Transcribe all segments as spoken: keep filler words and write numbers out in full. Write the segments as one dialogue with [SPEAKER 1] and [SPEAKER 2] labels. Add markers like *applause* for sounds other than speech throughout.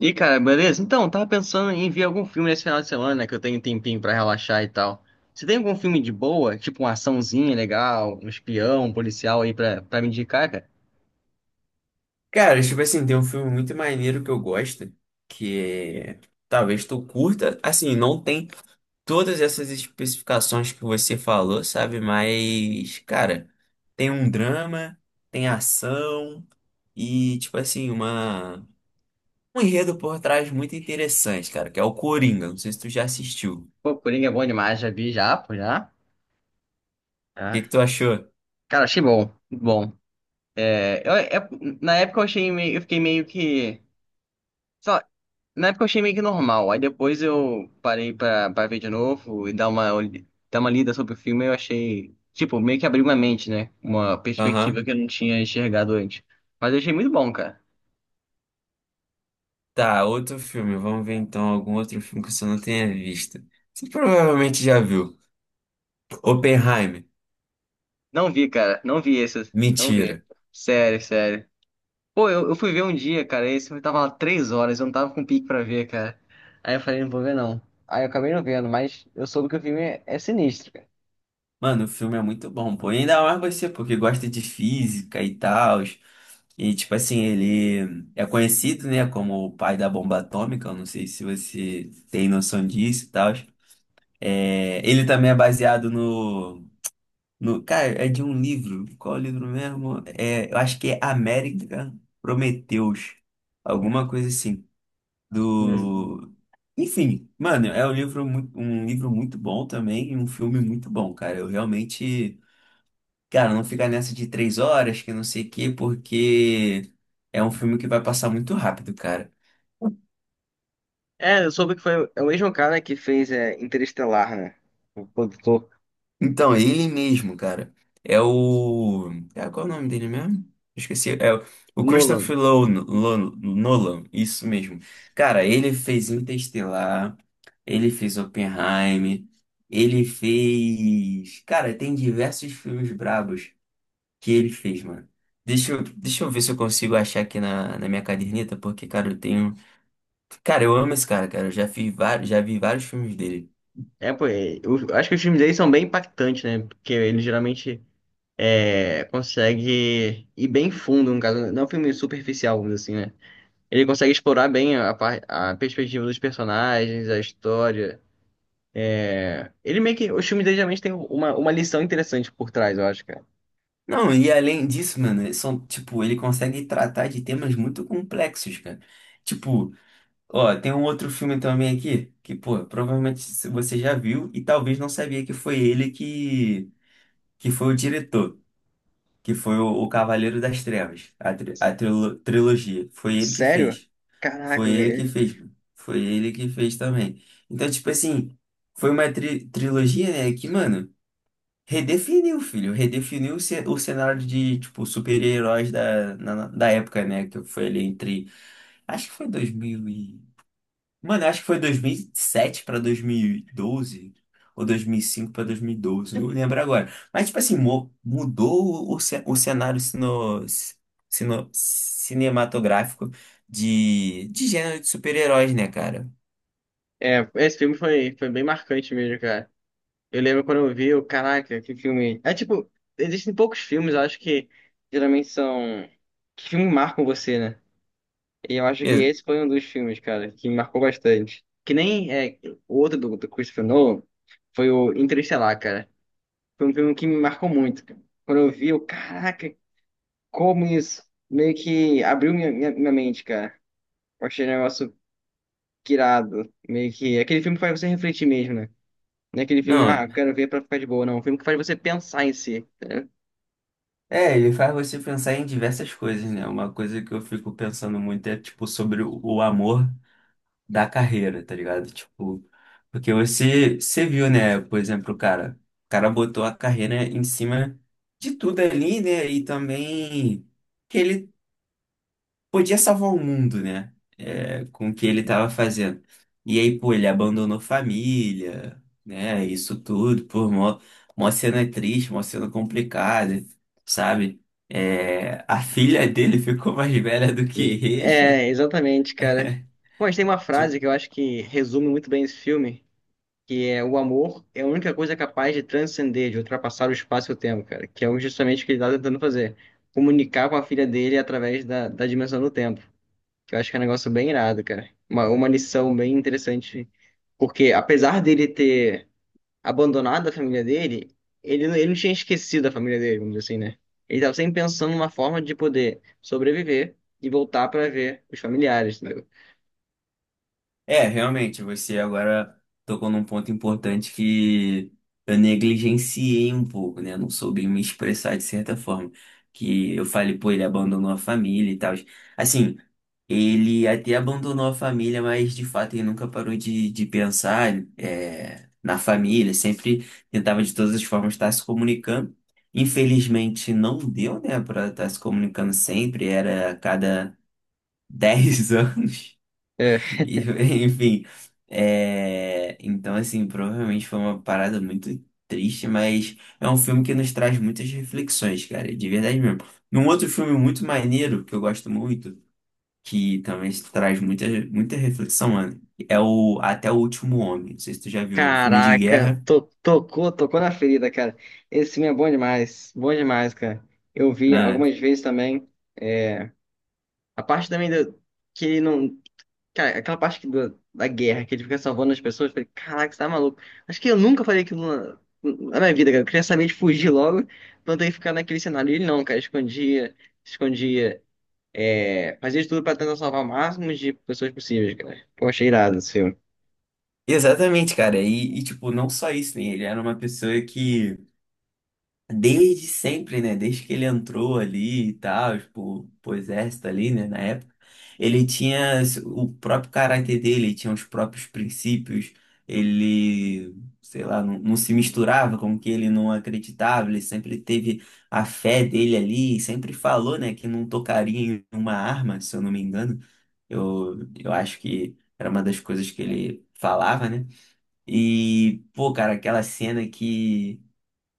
[SPEAKER 1] E cara, beleza? Então, tava pensando em ver algum filme nesse final de semana, né? Que eu tenho um tempinho pra relaxar e tal. Você tem algum filme de boa, tipo uma açãozinha legal, um espião, um policial aí pra, pra me indicar, cara?
[SPEAKER 2] Cara, tipo assim, tem um filme muito maneiro que eu gosto, que é- talvez tu curta, assim, não tem todas essas especificações que você falou, sabe? Mas, cara, tem um drama, tem ação e, tipo assim, uma um enredo por trás muito interessante, cara, que é o Coringa. Não sei se tu já assistiu.
[SPEAKER 1] Pô, Coringa é bom demais, já vi já, pô, já.
[SPEAKER 2] O
[SPEAKER 1] Já.
[SPEAKER 2] que que tu achou?
[SPEAKER 1] Cara, achei bom, muito bom. É, eu- é- Na época eu achei meio, eu fiquei meio que, sei lá, na época eu achei meio que normal. Aí depois eu parei pra, pra ver de novo e dar uma, olh- dar uma lida sobre o filme. Eu achei, tipo, meio que abriu uma mente, né? Uma perspectiva
[SPEAKER 2] Aham.
[SPEAKER 1] que eu não tinha enxergado antes. Mas eu achei muito bom, cara.
[SPEAKER 2] Tá, outro filme. Vamos ver então algum outro filme que você não tenha visto. Você provavelmente já viu. Oppenheimer.
[SPEAKER 1] Não vi, cara. Não vi esse. Não vi.
[SPEAKER 2] Mentira.
[SPEAKER 1] Sério, sério. Pô, eu, eu fui ver um dia, cara. Esse filme tava lá três horas. Eu não tava com pique pra ver, cara. Aí eu falei, não vou ver, não. Aí eu acabei não vendo, mas eu soube que o filme é, é sinistro, cara.
[SPEAKER 2] Mano, o filme é muito bom, pô. E ainda mais você, porque gosta de física e tal. E, tipo assim, ele é conhecido, né, como o pai da bomba atômica. Eu não sei se você tem noção disso e tal. É... Ele também é baseado no, no. Cara, é de um livro. Qual é o livro mesmo? É... Eu acho que é América Prometeus. Alguma coisa assim.
[SPEAKER 1] Hum.
[SPEAKER 2] Do. Enfim, mano, é um livro muito, um livro muito bom também e um filme muito bom, cara. Eu realmente. Cara, não fica nessa de três horas, que não sei o quê, porque é um filme que vai passar muito rápido, cara.
[SPEAKER 1] É, eu soube que foi é o mesmo cara que fez é, Interestelar, né? O produtor
[SPEAKER 2] Então, é ele mesmo, cara. É o. É, qual é o nome dele mesmo? Esqueci. É o o
[SPEAKER 1] Nolan.
[SPEAKER 2] Christopher Lo- Lo- Nolan, isso mesmo. Cara, ele fez Interestelar, ele fez Oppenheimer, ele fez. Cara, tem diversos filmes brabos que ele fez, mano. Deixa eu, deixa eu ver se eu consigo achar aqui na, na minha caderneta, porque, cara, eu tenho. Cara, eu amo esse cara, cara. Eu já vi vários, já vi vários filmes dele.
[SPEAKER 1] É, pô, é, eu acho que os filmes dele são bem impactantes, né? Porque ele geralmente é, consegue ir bem fundo, no caso, não é um filme superficial, vamos dizer assim, né? Ele consegue explorar bem a, par- a perspectiva dos personagens, a história. Ele meio que. Os filmes dele geralmente têm uma, uma lição interessante por trás, eu acho, cara.
[SPEAKER 2] Não, e além disso, mano, eles são, tipo, ele consegue tratar de temas muito complexos, cara. Tipo, ó, tem um outro filme também aqui que, pô, provavelmente você já viu e talvez não sabia que foi ele que, que foi o diretor, que foi o, o Cavaleiro das Trevas, a, tri- a trilo- trilogia. Foi ele que
[SPEAKER 1] Sério?
[SPEAKER 2] fez. Foi
[SPEAKER 1] Caraca,
[SPEAKER 2] ele que
[SPEAKER 1] velho.
[SPEAKER 2] fez, mano. Foi ele que fez também. Então, tipo assim, foi uma tri- trilogia, né, que, mano. Redefiniu, filho. Redefiniu o ce- o cenário de, tipo, super-heróis da, na- da época, né? Que foi ali entre. Acho que foi dois mil e. Mano, acho que foi dois mil e sete pra dois mil e doze. Ou dois mil e cinco pra dois mil e doze. Não lembro agora. Mas, tipo assim, mo- mudou o, ce- o cenário sino, sino- cinematográfico de, de gênero de super-heróis, né, cara?
[SPEAKER 1] É, esse filme foi, foi bem marcante mesmo, cara. Eu lembro quando eu vi, eu, caraca, que filme. É tipo, existem poucos filmes, eu acho que geralmente são. Que filmes marcam você, né? E eu acho que
[SPEAKER 2] Ex-
[SPEAKER 1] esse foi um dos filmes, cara, que me marcou bastante. Que nem é, o outro do, do Christopher Nolan foi o Interestelar, cara. Foi um filme que me marcou muito, cara. Quando eu vi, eu, caraca, como isso meio que abriu minha, minha, minha mente, cara. Eu achei um negócio irado. Meio que. Aquele filme que faz você refletir mesmo, né? Não é aquele filme, ah,
[SPEAKER 2] Não.
[SPEAKER 1] eu quero ver pra ficar de boa, não. É um filme que faz você pensar em si.
[SPEAKER 2] É, ele faz você pensar em diversas coisas, né? Uma coisa que eu fico pensando muito é, tipo, sobre o o amor da carreira, tá ligado? Tipo, porque você, você viu, né? Por exemplo, o cara, o cara botou a carreira em cima de tudo ali, né? E também que ele podia salvar o mundo, né? É, com o que ele tava fazendo. E aí, pô, ele abandonou família, né? Isso tudo, por mó, mó cena triste, mó cena complicada, sabe? É, a filha dele *laughs* ficou mais velha do que
[SPEAKER 1] E-
[SPEAKER 2] ele.
[SPEAKER 1] É, exatamente, cara. Mas tem uma frase
[SPEAKER 2] Tipo,
[SPEAKER 1] que eu acho que resume muito bem esse filme, que é o amor é a única coisa capaz de transcender, de ultrapassar o espaço e o tempo, cara. Que é justamente o que ele tá tentando fazer. Comunicar com a filha dele através da, da dimensão do tempo. Que eu acho que é um negócio bem irado, cara. Uma, uma lição bem interessante. Porque apesar dele ter abandonado a família dele, ele, não- ele não tinha esquecido a família dele, vamos dizer assim, né? Ele estava sempre pensando numa forma de poder sobreviver e voltar para ver os familiares, entendeu?
[SPEAKER 2] é, realmente, você agora tocou num ponto importante que eu negligenciei um pouco, né? Não soube me expressar de certa forma. Que eu falei, pô, ele abandonou a família e tal. Assim, ele até abandonou a família, mas de fato ele nunca parou de, de pensar é, na família, sempre tentava de todas as formas estar se comunicando. Infelizmente não deu, né, para estar se comunicando sempre, era a cada dez *laughs* anos.
[SPEAKER 1] É,
[SPEAKER 2] E, enfim, é, então assim, provavelmente foi uma parada muito triste, mas é um filme que nos traz muitas reflexões, cara, de verdade mesmo. Num outro filme muito maneiro, que eu gosto muito, que também traz muita, muita reflexão, mano. É o Até o Último Homem. Não sei se tu já viu um filme de
[SPEAKER 1] caraca,
[SPEAKER 2] guerra.
[SPEAKER 1] to- tocou, tocou na ferida, cara. Esse filme é bom demais, bom demais, cara. Eu vi
[SPEAKER 2] Ah,
[SPEAKER 1] algumas vezes também. A parte também do, que ele não, cara, aquela parte que do- da guerra, que ele fica salvando as pessoas, eu falei, caraca, você tá maluco. Acho que eu nunca falei aquilo na, na minha vida, cara. Eu queria saber de fugir logo, pra não ter que ficar naquele cenário. E ele não, cara, escondia, escondia, é, fazia de tudo pra tentar salvar o máximo de pessoas possíveis, cara. Pô, achei irado esse filme.
[SPEAKER 2] exatamente, cara. E, e, tipo, não só isso, né? Ele era uma pessoa que desde sempre, né? Desde que ele entrou ali e tal, tipo, pro exército ali, né? Na época, ele tinha s- o próprio caráter dele, ele tinha os próprios princípios, ele, sei lá, não, não se misturava com o que ele não acreditava, ele sempre teve a fé dele ali, e sempre falou, né, que não tocaria em uma arma, se eu não me engano. Eu, eu acho que era uma das coisas que ele falava, né? E, pô, cara, aquela cena que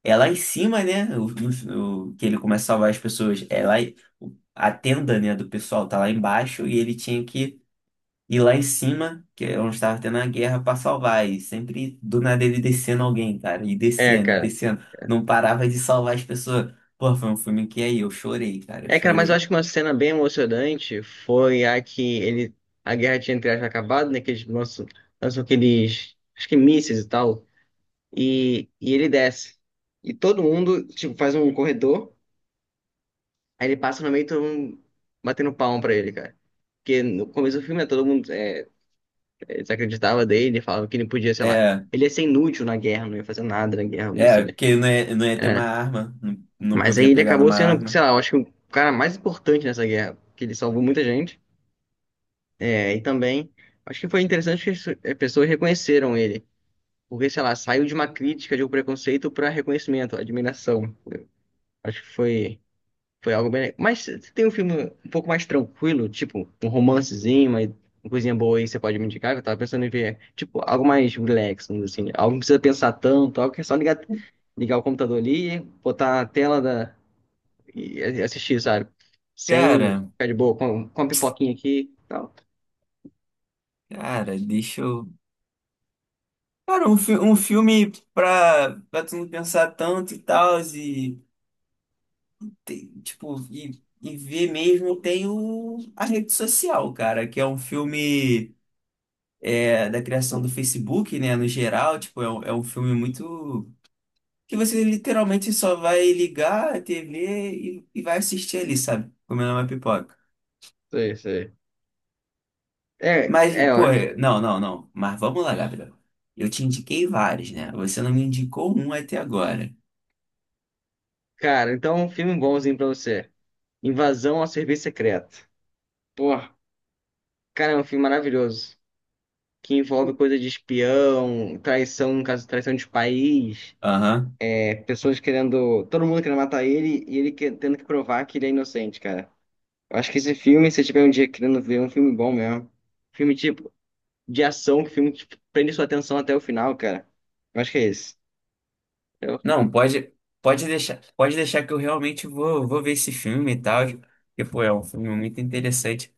[SPEAKER 2] é lá em cima, né? O, o- o- que ele começa a salvar as pessoas. É lá, em- a tenda, né, do pessoal tá lá embaixo e ele tinha que ir lá em cima, que é onde estava tendo a guerra, pra salvar. E sempre do nada ele descendo alguém, cara. E
[SPEAKER 1] É,
[SPEAKER 2] descendo, e
[SPEAKER 1] cara.
[SPEAKER 2] descendo. Não parava de salvar as pessoas. Pô, foi um filme que aí eu chorei, cara. Eu
[SPEAKER 1] É, cara, mas eu
[SPEAKER 2] chorei.
[SPEAKER 1] acho que uma cena bem emocionante foi a que ele, a guerra tinha entre aspas acabado, né, que eles lançam, lançam aqueles, acho que mísseis e tal. E, e ele desce. E todo mundo, tipo, faz um corredor, aí ele passa no meio e todo mundo batendo palma pra ele, cara. Porque no começo do filme, né, todo mundo é, é, desacreditava dele, falava que ele podia, sei lá,
[SPEAKER 2] É,
[SPEAKER 1] ele ia ser inútil na guerra, não ia fazer nada na guerra, não sei,
[SPEAKER 2] é,
[SPEAKER 1] né?
[SPEAKER 2] porque não ia, não ia ter uma
[SPEAKER 1] É.
[SPEAKER 2] arma. Não, não
[SPEAKER 1] Mas aí
[SPEAKER 2] podia
[SPEAKER 1] ele
[SPEAKER 2] pegar
[SPEAKER 1] acabou
[SPEAKER 2] numa
[SPEAKER 1] sendo, sei
[SPEAKER 2] arma.
[SPEAKER 1] lá, eu acho que o cara mais importante nessa guerra, porque ele salvou muita gente. É, e também, acho que foi interessante que as eh, pessoas reconheceram ele. Porque, sei lá, saiu de uma crítica, de um preconceito para reconhecimento, admiração. Acho que foi. Foi algo bem. Mas se tem um filme um pouco mais tranquilo, tipo um romancezinho, mas uma coisinha boa aí que você pode me indicar, que eu tava pensando em ver, tipo, algo mais relax, vamos dizer assim, algo que não precisa pensar tanto, algo que é só ligar, ligar o computador ali, botar a tela da... e assistir, sabe? Sem
[SPEAKER 2] Cara,
[SPEAKER 1] ficar de boa, com, com uma pipoquinha aqui e tal.
[SPEAKER 2] cara, deixa eu. Cara, um, fi- um filme pra, pra tu não pensar tanto e tal, e, te- tipo, e, e ver mesmo tem o, a rede social, cara, que é um filme é, da criação do Facebook, né, no geral, tipo, é, um- é um filme muito. Que você literalmente só vai ligar a T V e, e vai assistir ali, sabe? Comendo uma pipoca.
[SPEAKER 1] Sei, sei. É,
[SPEAKER 2] Mas,
[SPEAKER 1] é, ó,
[SPEAKER 2] pô, é- não, não, não, mas vamos lá, Gabriel. Eu te indiquei vários, né? Você não me indicou um até agora.
[SPEAKER 1] cara, então um filme bonzinho pra você. Invasão ao Serviço Secreto. Porra, cara, é um filme maravilhoso. Que envolve coisa de espião, traição, no caso, traição de país,
[SPEAKER 2] Aham.
[SPEAKER 1] é, pessoas querendo, todo mundo querendo matar ele e ele que- tendo que provar que ele é inocente, cara. Eu acho que esse filme, se você tiver um dia querendo ver, é um filme bom mesmo. Filme tipo de ação, que filme que prende sua atenção até o final, cara. Eu acho que é esse. Eu-
[SPEAKER 2] Não, pode, pode deixar, pode deixar que eu realmente vou, vou ver esse filme e tal, porque, pô, é um filme muito interessante.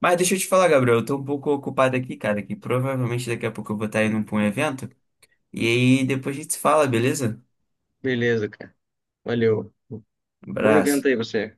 [SPEAKER 2] Mas deixa eu te falar, Gabriel, eu tô um pouco ocupado aqui, cara, que provavelmente daqui a pouco eu vou estar indo pra um evento, e aí depois a gente se fala, beleza?
[SPEAKER 1] Beleza, cara. Valeu. Bom evento
[SPEAKER 2] Abraço.
[SPEAKER 1] aí, você.